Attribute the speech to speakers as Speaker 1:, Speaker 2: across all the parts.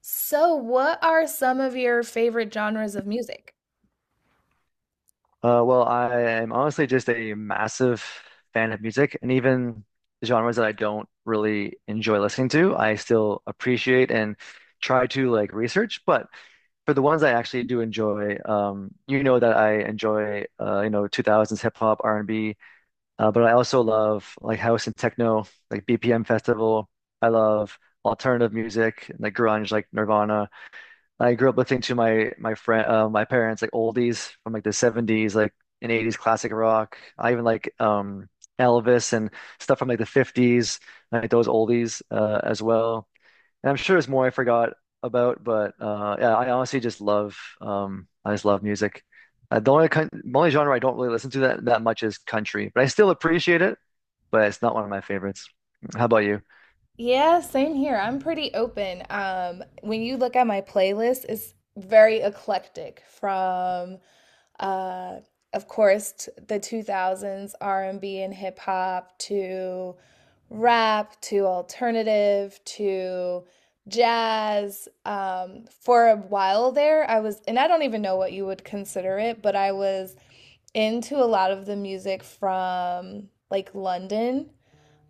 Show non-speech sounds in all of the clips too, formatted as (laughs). Speaker 1: So, what are some of your favorite genres of music?
Speaker 2: Well, I am honestly just a massive fan of music, and even genres that I don't really enjoy listening to, I still appreciate and try to like research. But for the ones I actually do enjoy, you know that I enjoy, 2000s hip hop, R&B, but I also love like house and techno, like BPM Festival. I love alternative music, like grunge, like Nirvana. I grew up listening to my parents like oldies from like the 70s like and 80s classic rock. I even like Elvis and stuff from like the 50s, like those oldies as well. And I'm sure there's more I forgot about, but yeah, I honestly just love I just love music. The only genre I don't really listen to that much is country, but I still appreciate it, but it's not one of my favorites. How about you?
Speaker 1: Yeah, same here. I'm pretty open. When you look at my playlist, it's very eclectic from uh of course t the 2000s R&B and B and hip hop to rap to alternative to jazz. For a while there, I was, and I don't even know what you would consider it, but I was into a lot of the music from like London.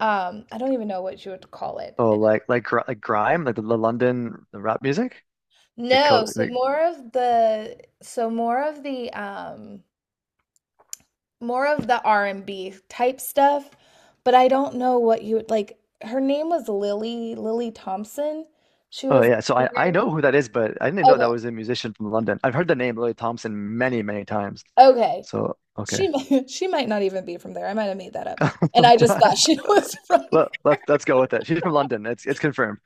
Speaker 1: I don't even know what you would call it.
Speaker 2: Oh, like grime, like the London rap music, like,
Speaker 1: No,
Speaker 2: co-
Speaker 1: so
Speaker 2: like
Speaker 1: more of the R&B type stuff, but I don't know what you would like. Her name was Lily Thompson. She
Speaker 2: Oh,
Speaker 1: was a
Speaker 2: yeah, so I
Speaker 1: singer.
Speaker 2: know who that is, but I didn't know that
Speaker 1: Okay.
Speaker 2: was a musician from London. I've heard the name Lily Thompson many, many times.
Speaker 1: Okay.
Speaker 2: So okay.
Speaker 1: (laughs) She might not even be from there. I might have made that up. And I just thought she
Speaker 2: (laughs)
Speaker 1: (laughs) was from.
Speaker 2: Let's go with it. She's from London. It's confirmed.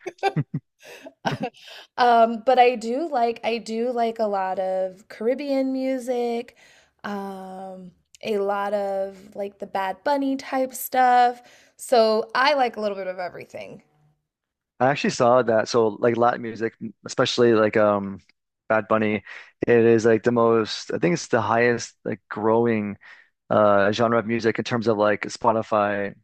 Speaker 1: (laughs) But I do like a lot of Caribbean music, um, a lot of like the Bad Bunny type stuff. So I like a little bit of everything.
Speaker 2: I actually saw that. So, like, Latin music, especially like Bad Bunny, it is like the most I think it's the highest like growing genre of music in terms of like Spotify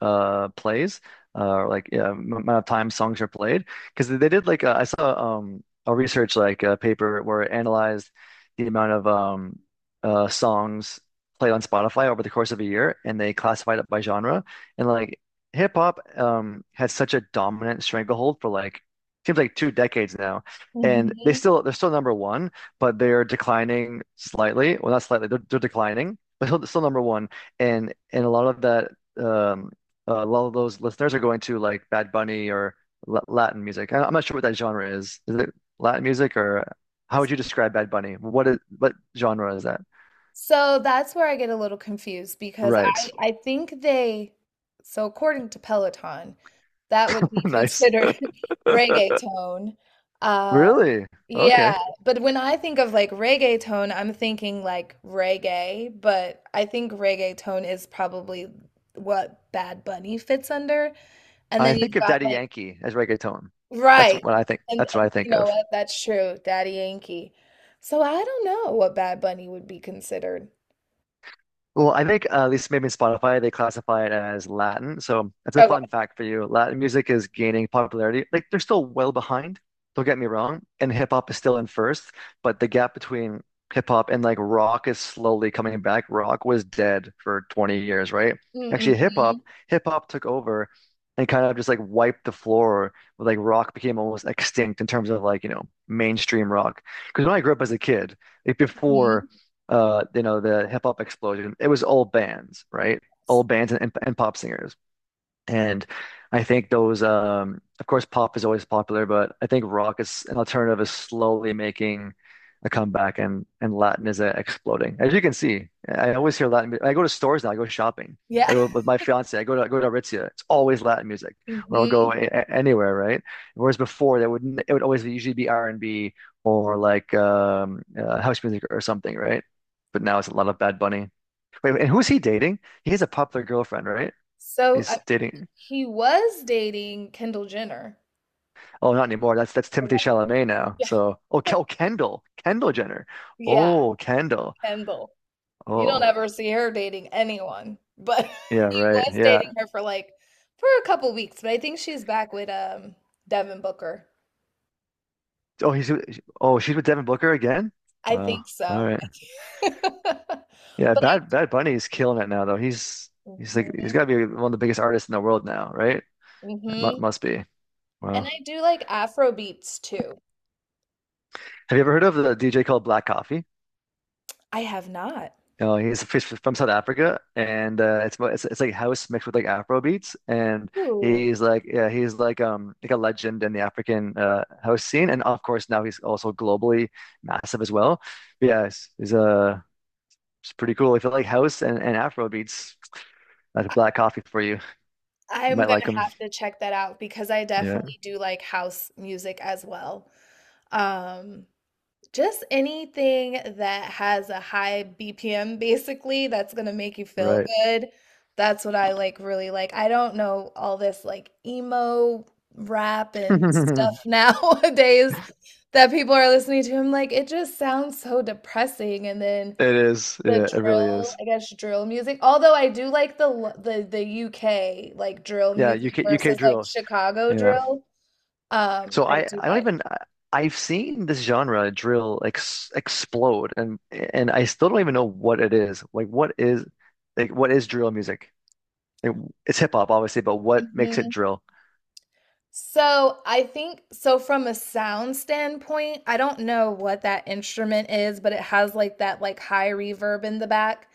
Speaker 2: plays or, like, yeah, amount of time songs are played, because they did like I saw a research like paper where it analyzed the amount of songs played on Spotify over the course of a year, and they classified it by genre. And like hip hop has such a dominant stranglehold for, like, seems like 2 decades now, and they
Speaker 1: Mhm.
Speaker 2: still they're still number one, but they're declining slightly, well, not slightly, they're declining but still number one. And a lot of that, um a lot of those listeners are going to, like, Bad Bunny or Latin music. I'm not sure what that genre is. Is it Latin music, or how would you describe Bad Bunny? What genre is that?
Speaker 1: So that's where I get a little confused because I
Speaker 2: Right.
Speaker 1: I think they, so according to Peloton, that would be
Speaker 2: (laughs) Nice.
Speaker 1: considered (laughs) reggaeton. Um,
Speaker 2: Really? Okay.
Speaker 1: Yeah, but when I think of like reggaeton, I'm thinking like reggae, but I think reggaeton is probably what Bad Bunny fits under. And
Speaker 2: I
Speaker 1: then
Speaker 2: think
Speaker 1: you've
Speaker 2: of
Speaker 1: got
Speaker 2: Daddy
Speaker 1: like,
Speaker 2: Yankee as reggaeton. That's
Speaker 1: right.
Speaker 2: what I think.
Speaker 1: And,
Speaker 2: That's what I
Speaker 1: and you
Speaker 2: think
Speaker 1: know
Speaker 2: of.
Speaker 1: what? That's true, Daddy Yankee. So I don't know what Bad Bunny would be considered.
Speaker 2: Well, I think at least maybe in Spotify they classify it as Latin. So it's a fun
Speaker 1: Okay.
Speaker 2: fact for you. Latin music is gaining popularity. Like, they're still well behind, don't get me wrong, and hip hop is still in first, but the gap between hip hop and, like, rock is slowly coming back. Rock was dead for 20 years, right? Actually, hip hop,
Speaker 1: Mm-hmm.
Speaker 2: hip hop took over and kind of just like wiped the floor with, like, rock became almost extinct in terms of, like, mainstream rock. Because when I grew up as a kid, like
Speaker 1: hmm
Speaker 2: before the hip hop explosion, it was all bands, right? All bands and pop singers. And I think those, of course, pop is always popular, but I think rock is an alternative is slowly making a comeback, and Latin is exploding. As you can see, I always hear Latin. I go to stores now. I go shopping. I
Speaker 1: Yeah.
Speaker 2: go with my fiance. I go to Aritzia. It's always Latin music,
Speaker 1: (laughs)
Speaker 2: or I'll
Speaker 1: hmm
Speaker 2: go anywhere, right? Whereas before, that would it would always usually be R and B or like house music or something, right? But now it's a lot of Bad Bunny. Wait, and who's he dating? He has a popular girlfriend, right?
Speaker 1: So
Speaker 2: He's dating.
Speaker 1: he was dating Kendall Jenner.
Speaker 2: Oh, not anymore. That's Timothy Chalamet now.
Speaker 1: Yeah.
Speaker 2: So, oh,
Speaker 1: (laughs)
Speaker 2: Kendall Jenner.
Speaker 1: Yeah,
Speaker 2: Oh, Kendall.
Speaker 1: Kendall. You don't
Speaker 2: Oh,
Speaker 1: ever see her dating anyone, but (laughs)
Speaker 2: yeah,
Speaker 1: he
Speaker 2: right.
Speaker 1: was dating
Speaker 2: Yeah.
Speaker 1: her for a couple weeks, but I think she's back with Devin Booker.
Speaker 2: Oh, she's with Devin Booker again.
Speaker 1: I
Speaker 2: Wow.
Speaker 1: think
Speaker 2: All
Speaker 1: so.
Speaker 2: right.
Speaker 1: (laughs)
Speaker 2: Yeah,
Speaker 1: But I.
Speaker 2: Bad Bunny is killing it now, though. He's
Speaker 1: Mhm,
Speaker 2: got to be one of the biggest artists in the world now, right? It mu
Speaker 1: mhm.
Speaker 2: must be.
Speaker 1: And
Speaker 2: Wow.
Speaker 1: I do like Afro beats too.
Speaker 2: Have you ever heard of the DJ called Black Coffee?
Speaker 1: I have not.
Speaker 2: Know, he's from South Africa, and it's, mo- it's like house mixed with like Afro beats, and
Speaker 1: Ooh.
Speaker 2: he's like, yeah, he's like a legend in the African house scene, and of course now he's also globally massive as well. But yeah, it's pretty cool. If you like house and Afro beats, that's Black Coffee for you. You
Speaker 1: I'm
Speaker 2: might
Speaker 1: gonna
Speaker 2: like him.
Speaker 1: have to check that out because I
Speaker 2: Yeah,
Speaker 1: definitely do like house music as well. Um, Just anything that has a high BPM basically that's gonna make you feel
Speaker 2: right.
Speaker 1: good. That's what I really like. I don't know all this like emo rap and stuff
Speaker 2: (laughs)
Speaker 1: (laughs) nowadays that people are listening to. I'm like, it just sounds so depressing. And then
Speaker 2: It is.
Speaker 1: the
Speaker 2: Yeah, it really
Speaker 1: drill,
Speaker 2: is.
Speaker 1: I guess drill music. Although I do like the l- the UK like drill
Speaker 2: Yeah,
Speaker 1: music
Speaker 2: UK
Speaker 1: versus like
Speaker 2: drill.
Speaker 1: Chicago drill.
Speaker 2: So
Speaker 1: I do
Speaker 2: I don't
Speaker 1: like.
Speaker 2: even I've seen this genre drill ex explode, and I still don't even know what it is. Like, what is drill music? Like, it's hip hop obviously, but what makes it drill?
Speaker 1: So I think, so from a sound standpoint, I don't know what that instrument is, but it has like that like high reverb in the back.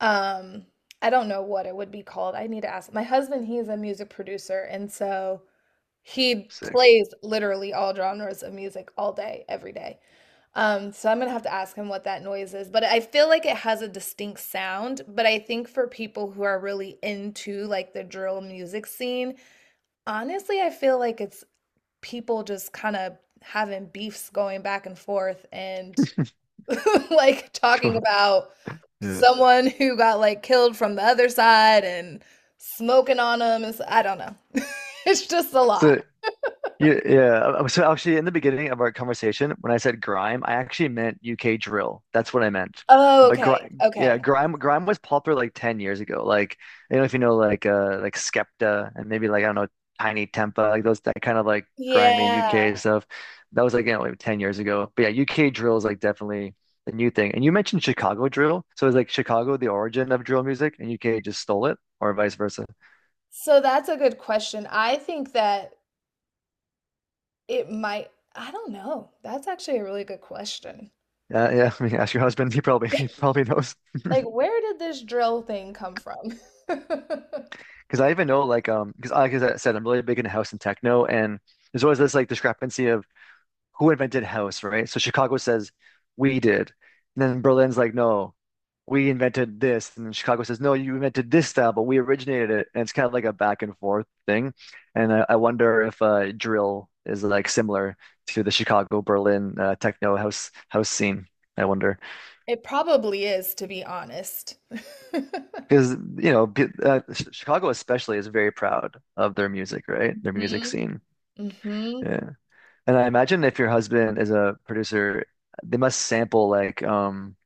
Speaker 1: Um, I don't know what it would be called. I need to ask. My husband, he is a music producer, and so he
Speaker 2: Sick. (laughs)
Speaker 1: plays literally all genres of music all day, every day. So I'm gonna have to ask him what that noise is, but I feel like it has a distinct sound. But I think for people who are really into like the drill music scene, honestly, I feel like it's people just kind of having beefs going back and forth and (laughs) like talking
Speaker 2: Cool.
Speaker 1: about
Speaker 2: Yeah.
Speaker 1: someone who got like killed from the other side and smoking on them. It's, I don't know. (laughs) It's just a lot.
Speaker 2: So, yeah, yeah. So actually, in the beginning of our conversation, when I said grime, I actually meant UK drill. That's what I meant.
Speaker 1: Oh,
Speaker 2: But
Speaker 1: okay.
Speaker 2: grime, yeah,
Speaker 1: Okay.
Speaker 2: grime was popular like 10 years ago. Like, I don't know if you know, like Skepta and maybe like I don't know, Tiny Tempa, like those, that kind of like grimy
Speaker 1: Yeah.
Speaker 2: UK stuff. That was, like, like 10 years ago. But yeah, UK drill is like definitely the new thing. And you mentioned Chicago drill, so it's like Chicago the origin of drill music, and UK just stole it, or vice versa.
Speaker 1: So that's a good question. I think that it might, I don't know. That's actually a really good question.
Speaker 2: Yeah, yeah. (laughs) I mean, ask your husband; he probably (laughs) he
Speaker 1: (laughs)
Speaker 2: probably knows.
Speaker 1: Like, where did this drill thing come from? (laughs)
Speaker 2: Because I even know, like, because like I said, I'm really big into house and techno, and there's always this like discrepancy of who invented house, right? So Chicago says we did, and then Berlin's like, no, we invented this, and then Chicago says, no, you invented this style, but we originated it, and it's kind of like a back and forth thing, and I wonder if drill is like similar to the Chicago Berlin techno house scene. I wonder.
Speaker 1: It probably is, to be honest. (laughs)
Speaker 2: Because you know, Chicago especially is very proud of their music, right? Their music
Speaker 1: Mhm.
Speaker 2: scene.
Speaker 1: hmm
Speaker 2: Yeah. And I imagine if your husband is a producer, they must sample like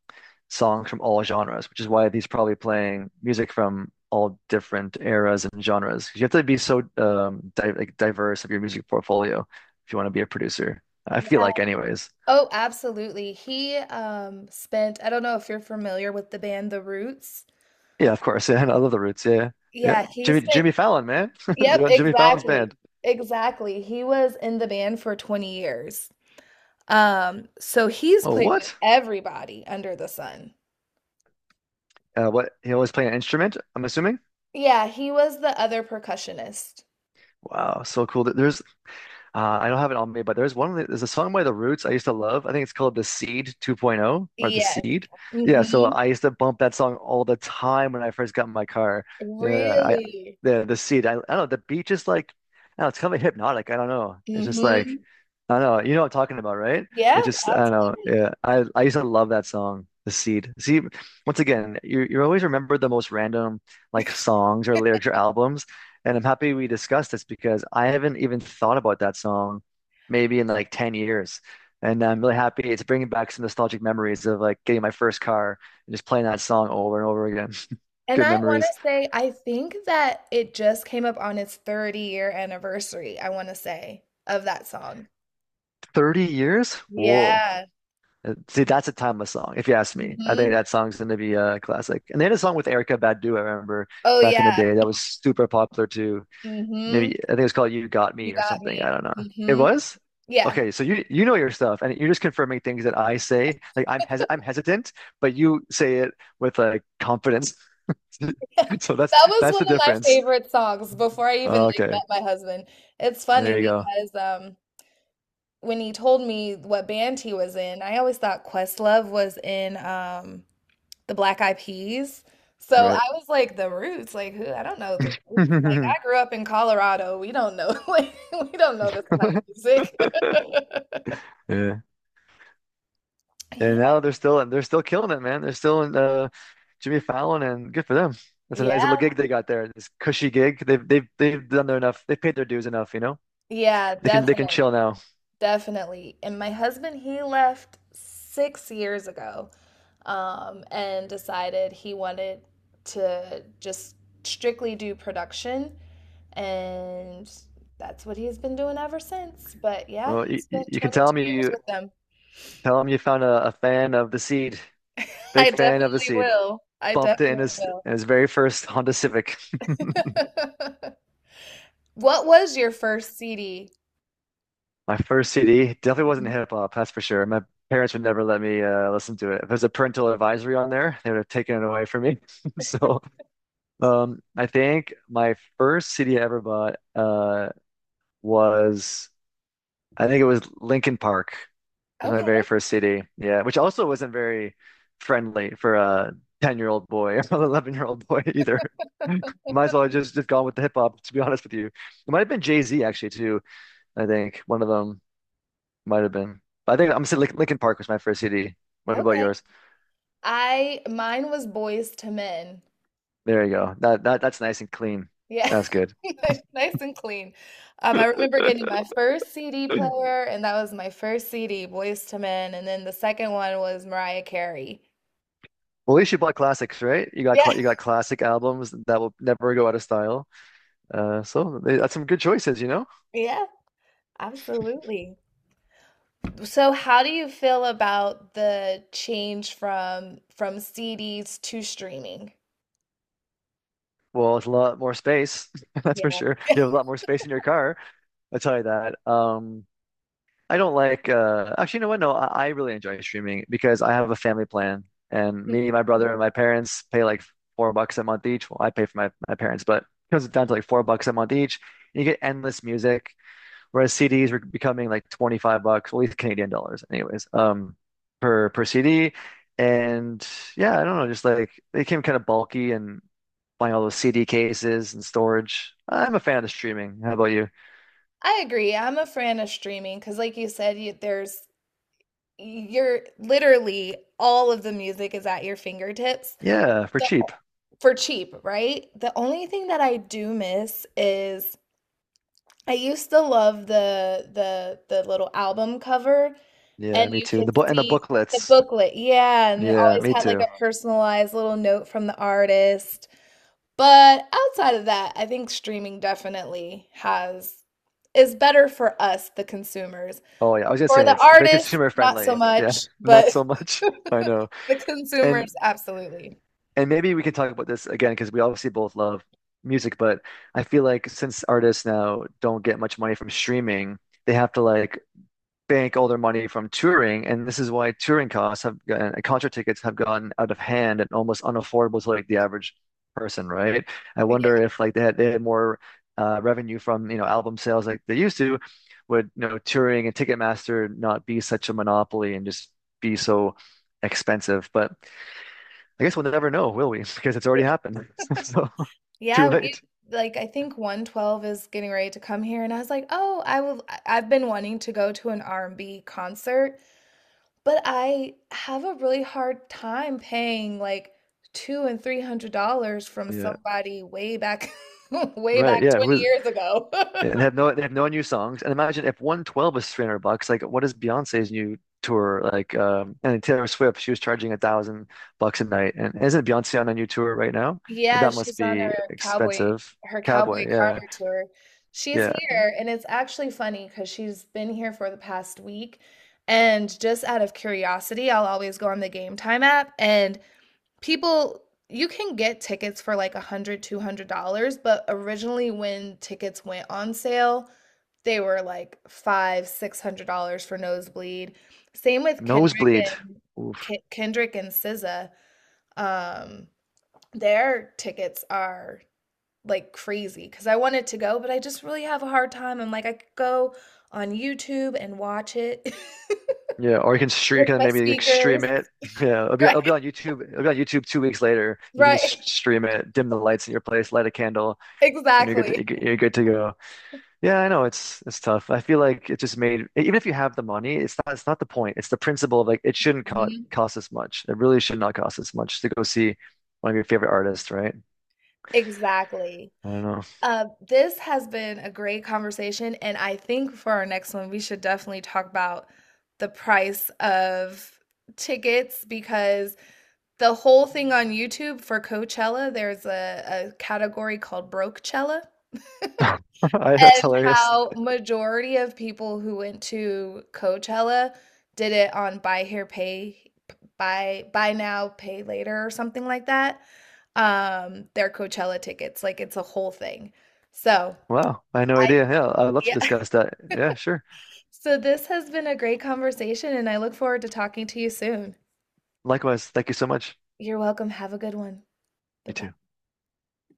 Speaker 2: songs from all genres, which is why he's probably playing music from all different eras and genres. 'Cause you have to be so di like diverse of your music portfolio if you want to be a producer. I feel
Speaker 1: Yeah.
Speaker 2: like, anyways.
Speaker 1: Oh, absolutely. He spent, I don't know if you're familiar with the band The Roots.
Speaker 2: Yeah, of course. (laughs) Yeah, and I love the Roots. Yeah. Yeah.
Speaker 1: Yeah, he
Speaker 2: Jimmy
Speaker 1: spent,
Speaker 2: Jimmy Fallon, man.
Speaker 1: yep,
Speaker 2: (laughs) Jimmy Fallon's
Speaker 1: exactly.
Speaker 2: band.
Speaker 1: Exactly. He was in the band for 20 years. So he's
Speaker 2: Oh,
Speaker 1: played with
Speaker 2: what?
Speaker 1: everybody under the sun.
Speaker 2: What? He always play an instrument, I'm assuming?
Speaker 1: Yeah, he was the other percussionist.
Speaker 2: Wow, so cool. There's I don't have it on me, but there's one. There's a song by The Roots I used to love. I think it's called The Seed 2.0 or The
Speaker 1: Yes.
Speaker 2: Seed. Yeah, so
Speaker 1: Mm-hmm.
Speaker 2: I used to bump that song all the time when I first got in my car. Yeah, I
Speaker 1: Really.
Speaker 2: the Seed. I don't know. The beat just like, I don't know, it's kind of hypnotic. I don't know. It's just
Speaker 1: Mm-hmm.
Speaker 2: like, I don't know. You know what I'm talking about, right?
Speaker 1: Yeah,
Speaker 2: It just, I don't know.
Speaker 1: absolutely.
Speaker 2: Yeah, I used to love that song, The Seed. See, once again, you always remember the most random like songs or lyrics or albums, and I'm happy we discussed this because I haven't even thought about that song maybe in like 10 years. And I'm really happy it's bringing back some nostalgic memories of like getting my first car and just playing that song over and over again. (laughs)
Speaker 1: And
Speaker 2: Good
Speaker 1: I wanna
Speaker 2: memories.
Speaker 1: say, I think that it just came up on its 30-year anniversary, I wanna say, of that song.
Speaker 2: 30 years? Whoa.
Speaker 1: Yeah.
Speaker 2: See, that's a timeless song, if you ask me. I think
Speaker 1: Mhm.
Speaker 2: that song's going to be a classic. And they had a song with Erica Badu, I remember,
Speaker 1: Oh,
Speaker 2: back in the
Speaker 1: yeah.
Speaker 2: day, that was super popular too.
Speaker 1: Mhm.
Speaker 2: Maybe, I think it was called You Got
Speaker 1: You
Speaker 2: Me or
Speaker 1: got
Speaker 2: something.
Speaker 1: me.
Speaker 2: I don't know. It
Speaker 1: Mhm.
Speaker 2: was?
Speaker 1: Yeah.
Speaker 2: Okay, so you know your stuff, and you're just confirming things that I say. Like, I'm hesitant, but you say it with, like, confidence. (laughs)
Speaker 1: (laughs)
Speaker 2: So that's
Speaker 1: That was
Speaker 2: that's
Speaker 1: one
Speaker 2: the
Speaker 1: of my
Speaker 2: difference.
Speaker 1: favorite songs before I even, like, met
Speaker 2: Okay.
Speaker 1: my husband. It's funny
Speaker 2: There you go.
Speaker 1: because, when he told me what band he was in, I always thought Questlove was in, the Black Eyed Peas. So I
Speaker 2: Right.
Speaker 1: was like, the Roots, like who? I don't know the Roots. Like I
Speaker 2: (laughs)
Speaker 1: grew up in Colorado. We don't know, (laughs) like we don't know this kind of music. (laughs)
Speaker 2: Yeah. And
Speaker 1: Yeah,
Speaker 2: now they're still killing it, man. They're still in Jimmy Fallon, and good for them. That's a nice little
Speaker 1: yeah,
Speaker 2: gig they got there. This cushy gig. They've done their enough. They've paid their dues enough. You know,
Speaker 1: yeah,
Speaker 2: they can
Speaker 1: definitely,
Speaker 2: chill now.
Speaker 1: definitely. And my husband, he left 6 years ago, and decided he wanted to just strictly do production, and that's what he's been doing ever since. But yeah,
Speaker 2: Well,
Speaker 1: he
Speaker 2: you,
Speaker 1: spent
Speaker 2: you can tell
Speaker 1: 22
Speaker 2: me,
Speaker 1: years
Speaker 2: you
Speaker 1: with them.
Speaker 2: tell him, you found a fan of The Seed, big
Speaker 1: I
Speaker 2: fan of The
Speaker 1: definitely
Speaker 2: Seed.
Speaker 1: will. I
Speaker 2: Bumped it in
Speaker 1: definitely
Speaker 2: his
Speaker 1: will.
Speaker 2: in his very first Honda Civic.
Speaker 1: (laughs) What was your first CD?
Speaker 2: My first CD definitely wasn't
Speaker 1: Mhm.
Speaker 2: hip hop, that's for sure. My parents would never let me listen to it. If there's a parental advisory on there, they would have taken it away from me. (laughs) So, I think my first CD ever bought was I think it was Linkin Park. It was my
Speaker 1: Okay,
Speaker 2: very first CD. Yeah, which also wasn't very friendly for a 10-year-old boy or (laughs) an 11-year-old boy either. (laughs) Might as well have just gone with the hip hop, to be honest with you. It might have been Jay-Z actually too, I think. One of them might have been. But I think I'm saying Linkin Park was my first CD. What about
Speaker 1: okay.
Speaker 2: yours?
Speaker 1: I Mine was Boys to Men.
Speaker 2: There you go. That's nice and clean.
Speaker 1: Yeah.
Speaker 2: That's good.
Speaker 1: (laughs) Nice and clean. I remember getting my first CD
Speaker 2: Well,
Speaker 1: player, and that was my first CD, Boys to Men, and then the second one was Mariah Carey.
Speaker 2: at least you bought classics, right? You got
Speaker 1: Yeah, (laughs)
Speaker 2: classic albums that will never go out of style. That's some good choices, you know?
Speaker 1: yeah, absolutely. So how do you feel about the change from CDs to streaming?
Speaker 2: Well, it's a lot more space, (laughs) that's for sure. You have a lot more space in your car. I'll tell you that. I don't like actually, you know what? No, I really enjoy streaming because I have a family plan and
Speaker 1: Mm,
Speaker 2: me, my
Speaker 1: mm.
Speaker 2: brother, and my parents pay like $4 a month each. Well, I pay for my parents, but it comes down to like $4 a month each. And you get endless music, whereas CDs were becoming like $25, well, at least Canadian dollars, anyways, per CD. And yeah, I don't know, just like they became kind of bulky and buying all those CD cases and storage. I'm a fan of streaming. How about you?
Speaker 1: I agree. I'm a fan of streaming because, like you said, there's, you're literally, all of the music is at your fingertips.
Speaker 2: Yeah, for
Speaker 1: The
Speaker 2: cheap.
Speaker 1: for cheap, right? The only thing that I do miss is I used to love the little album cover,
Speaker 2: Yeah,
Speaker 1: and
Speaker 2: me
Speaker 1: you
Speaker 2: too. And
Speaker 1: could
Speaker 2: the book and the
Speaker 1: see the
Speaker 2: booklets.
Speaker 1: booklet, yeah, and it
Speaker 2: Yeah,
Speaker 1: always
Speaker 2: me
Speaker 1: had like
Speaker 2: too.
Speaker 1: a personalized little note from the artist. But outside of that, I think streaming definitely has is better for us, the consumers.
Speaker 2: Oh yeah, I was gonna
Speaker 1: For
Speaker 2: say
Speaker 1: the
Speaker 2: it's very (laughs)
Speaker 1: artists,
Speaker 2: consumer
Speaker 1: not so
Speaker 2: friendly. Yeah,
Speaker 1: much,
Speaker 2: not
Speaker 1: but
Speaker 2: so
Speaker 1: (laughs)
Speaker 2: much. (laughs) I know.
Speaker 1: the
Speaker 2: And
Speaker 1: consumers, absolutely.
Speaker 2: and maybe we can talk about this again because we obviously both love music, but I feel like since artists now don't get much money from streaming, they have to like bank all their money from touring, and this is why touring costs have gotten, concert tickets have gotten out of hand and almost unaffordable to like the average person, right? I wonder
Speaker 1: Yeah.
Speaker 2: if like they had more revenue from album sales like they used to, would touring and Ticketmaster not be such a monopoly and just be so expensive? But I guess we'll never know, will we? (laughs) Because it's
Speaker 1: Yeah,
Speaker 2: already happened. (laughs) So too
Speaker 1: yeah, we,
Speaker 2: late.
Speaker 1: like I think 112 is getting ready to come here and I was like, "Oh, I will I've been wanting to go to an R&B concert." But I have a really hard time paying like two and three hundred dollars from
Speaker 2: Yeah.
Speaker 1: somebody way back, (laughs) way
Speaker 2: Right.
Speaker 1: back
Speaker 2: Yeah.
Speaker 1: 20
Speaker 2: Who's
Speaker 1: years ago.
Speaker 2: and have
Speaker 1: (laughs)
Speaker 2: no they have no new songs. And imagine if 112 is $300, like what is Beyonce's new tour like? And Taylor Swift, she was charging $1,000 a night. And isn't Beyonce on a new tour right now?
Speaker 1: Yeah,
Speaker 2: That must
Speaker 1: she's on
Speaker 2: be
Speaker 1: cowboy
Speaker 2: expensive.
Speaker 1: her Cowboy
Speaker 2: Cowboy, yeah,
Speaker 1: Carter tour. She's
Speaker 2: yeah.
Speaker 1: here, and it's actually funny because she's been here for the past week. And just out of curiosity, I'll always go on the Game Time app, and people, you can get tickets for like a hundred, two hundred dollars, but originally when tickets went on sale, they were like five, six hundred dollars for nosebleed. Same with Kendrick,
Speaker 2: Nosebleed.
Speaker 1: and
Speaker 2: Oof.
Speaker 1: Kendrick and SZA, um, their tickets are like crazy because I wanted to go, but I just really have a hard time. I'm like, I could go on YouTube and watch it (laughs)
Speaker 2: Yeah, or you can stream, you
Speaker 1: with
Speaker 2: can
Speaker 1: my
Speaker 2: maybe like
Speaker 1: speakers.
Speaker 2: stream it. (laughs) Yeah, it'll
Speaker 1: (laughs)
Speaker 2: be it'll be
Speaker 1: Right,
Speaker 2: on YouTube. It'll be on YouTube 2 weeks later. You can
Speaker 1: right,
Speaker 2: just stream it, dim the lights in your place, light a candle, and you're good
Speaker 1: exactly.
Speaker 2: to you're good to go. Yeah, I know it's tough. I feel like it just made even if you have the money, it's not the point. It's the principle of like it shouldn't co
Speaker 1: Mhm.
Speaker 2: cost as much. It really should not cost as much to go see one of your favorite artists, right?
Speaker 1: Exactly.
Speaker 2: I don't know.
Speaker 1: This has been a great conversation, and I think for our next one, we should definitely talk about the price of tickets, because the whole thing on YouTube for Coachella, there's a category called Brokecella,
Speaker 2: (laughs) That's
Speaker 1: and
Speaker 2: hilarious.
Speaker 1: how majority of people who went to Coachella did it on buy here, pay, buy now, pay later, or something like that. Their Coachella tickets, like it's a whole thing. So
Speaker 2: Wow, I had no
Speaker 1: I,
Speaker 2: idea. Yeah, I'd love to
Speaker 1: yeah. (laughs)
Speaker 2: discuss that. Yeah, sure.
Speaker 1: So this has been a great conversation, and I look forward to talking to you soon.
Speaker 2: Likewise, thank you so much.
Speaker 1: You're welcome. Have a good one. Bye
Speaker 2: You
Speaker 1: bye.
Speaker 2: too.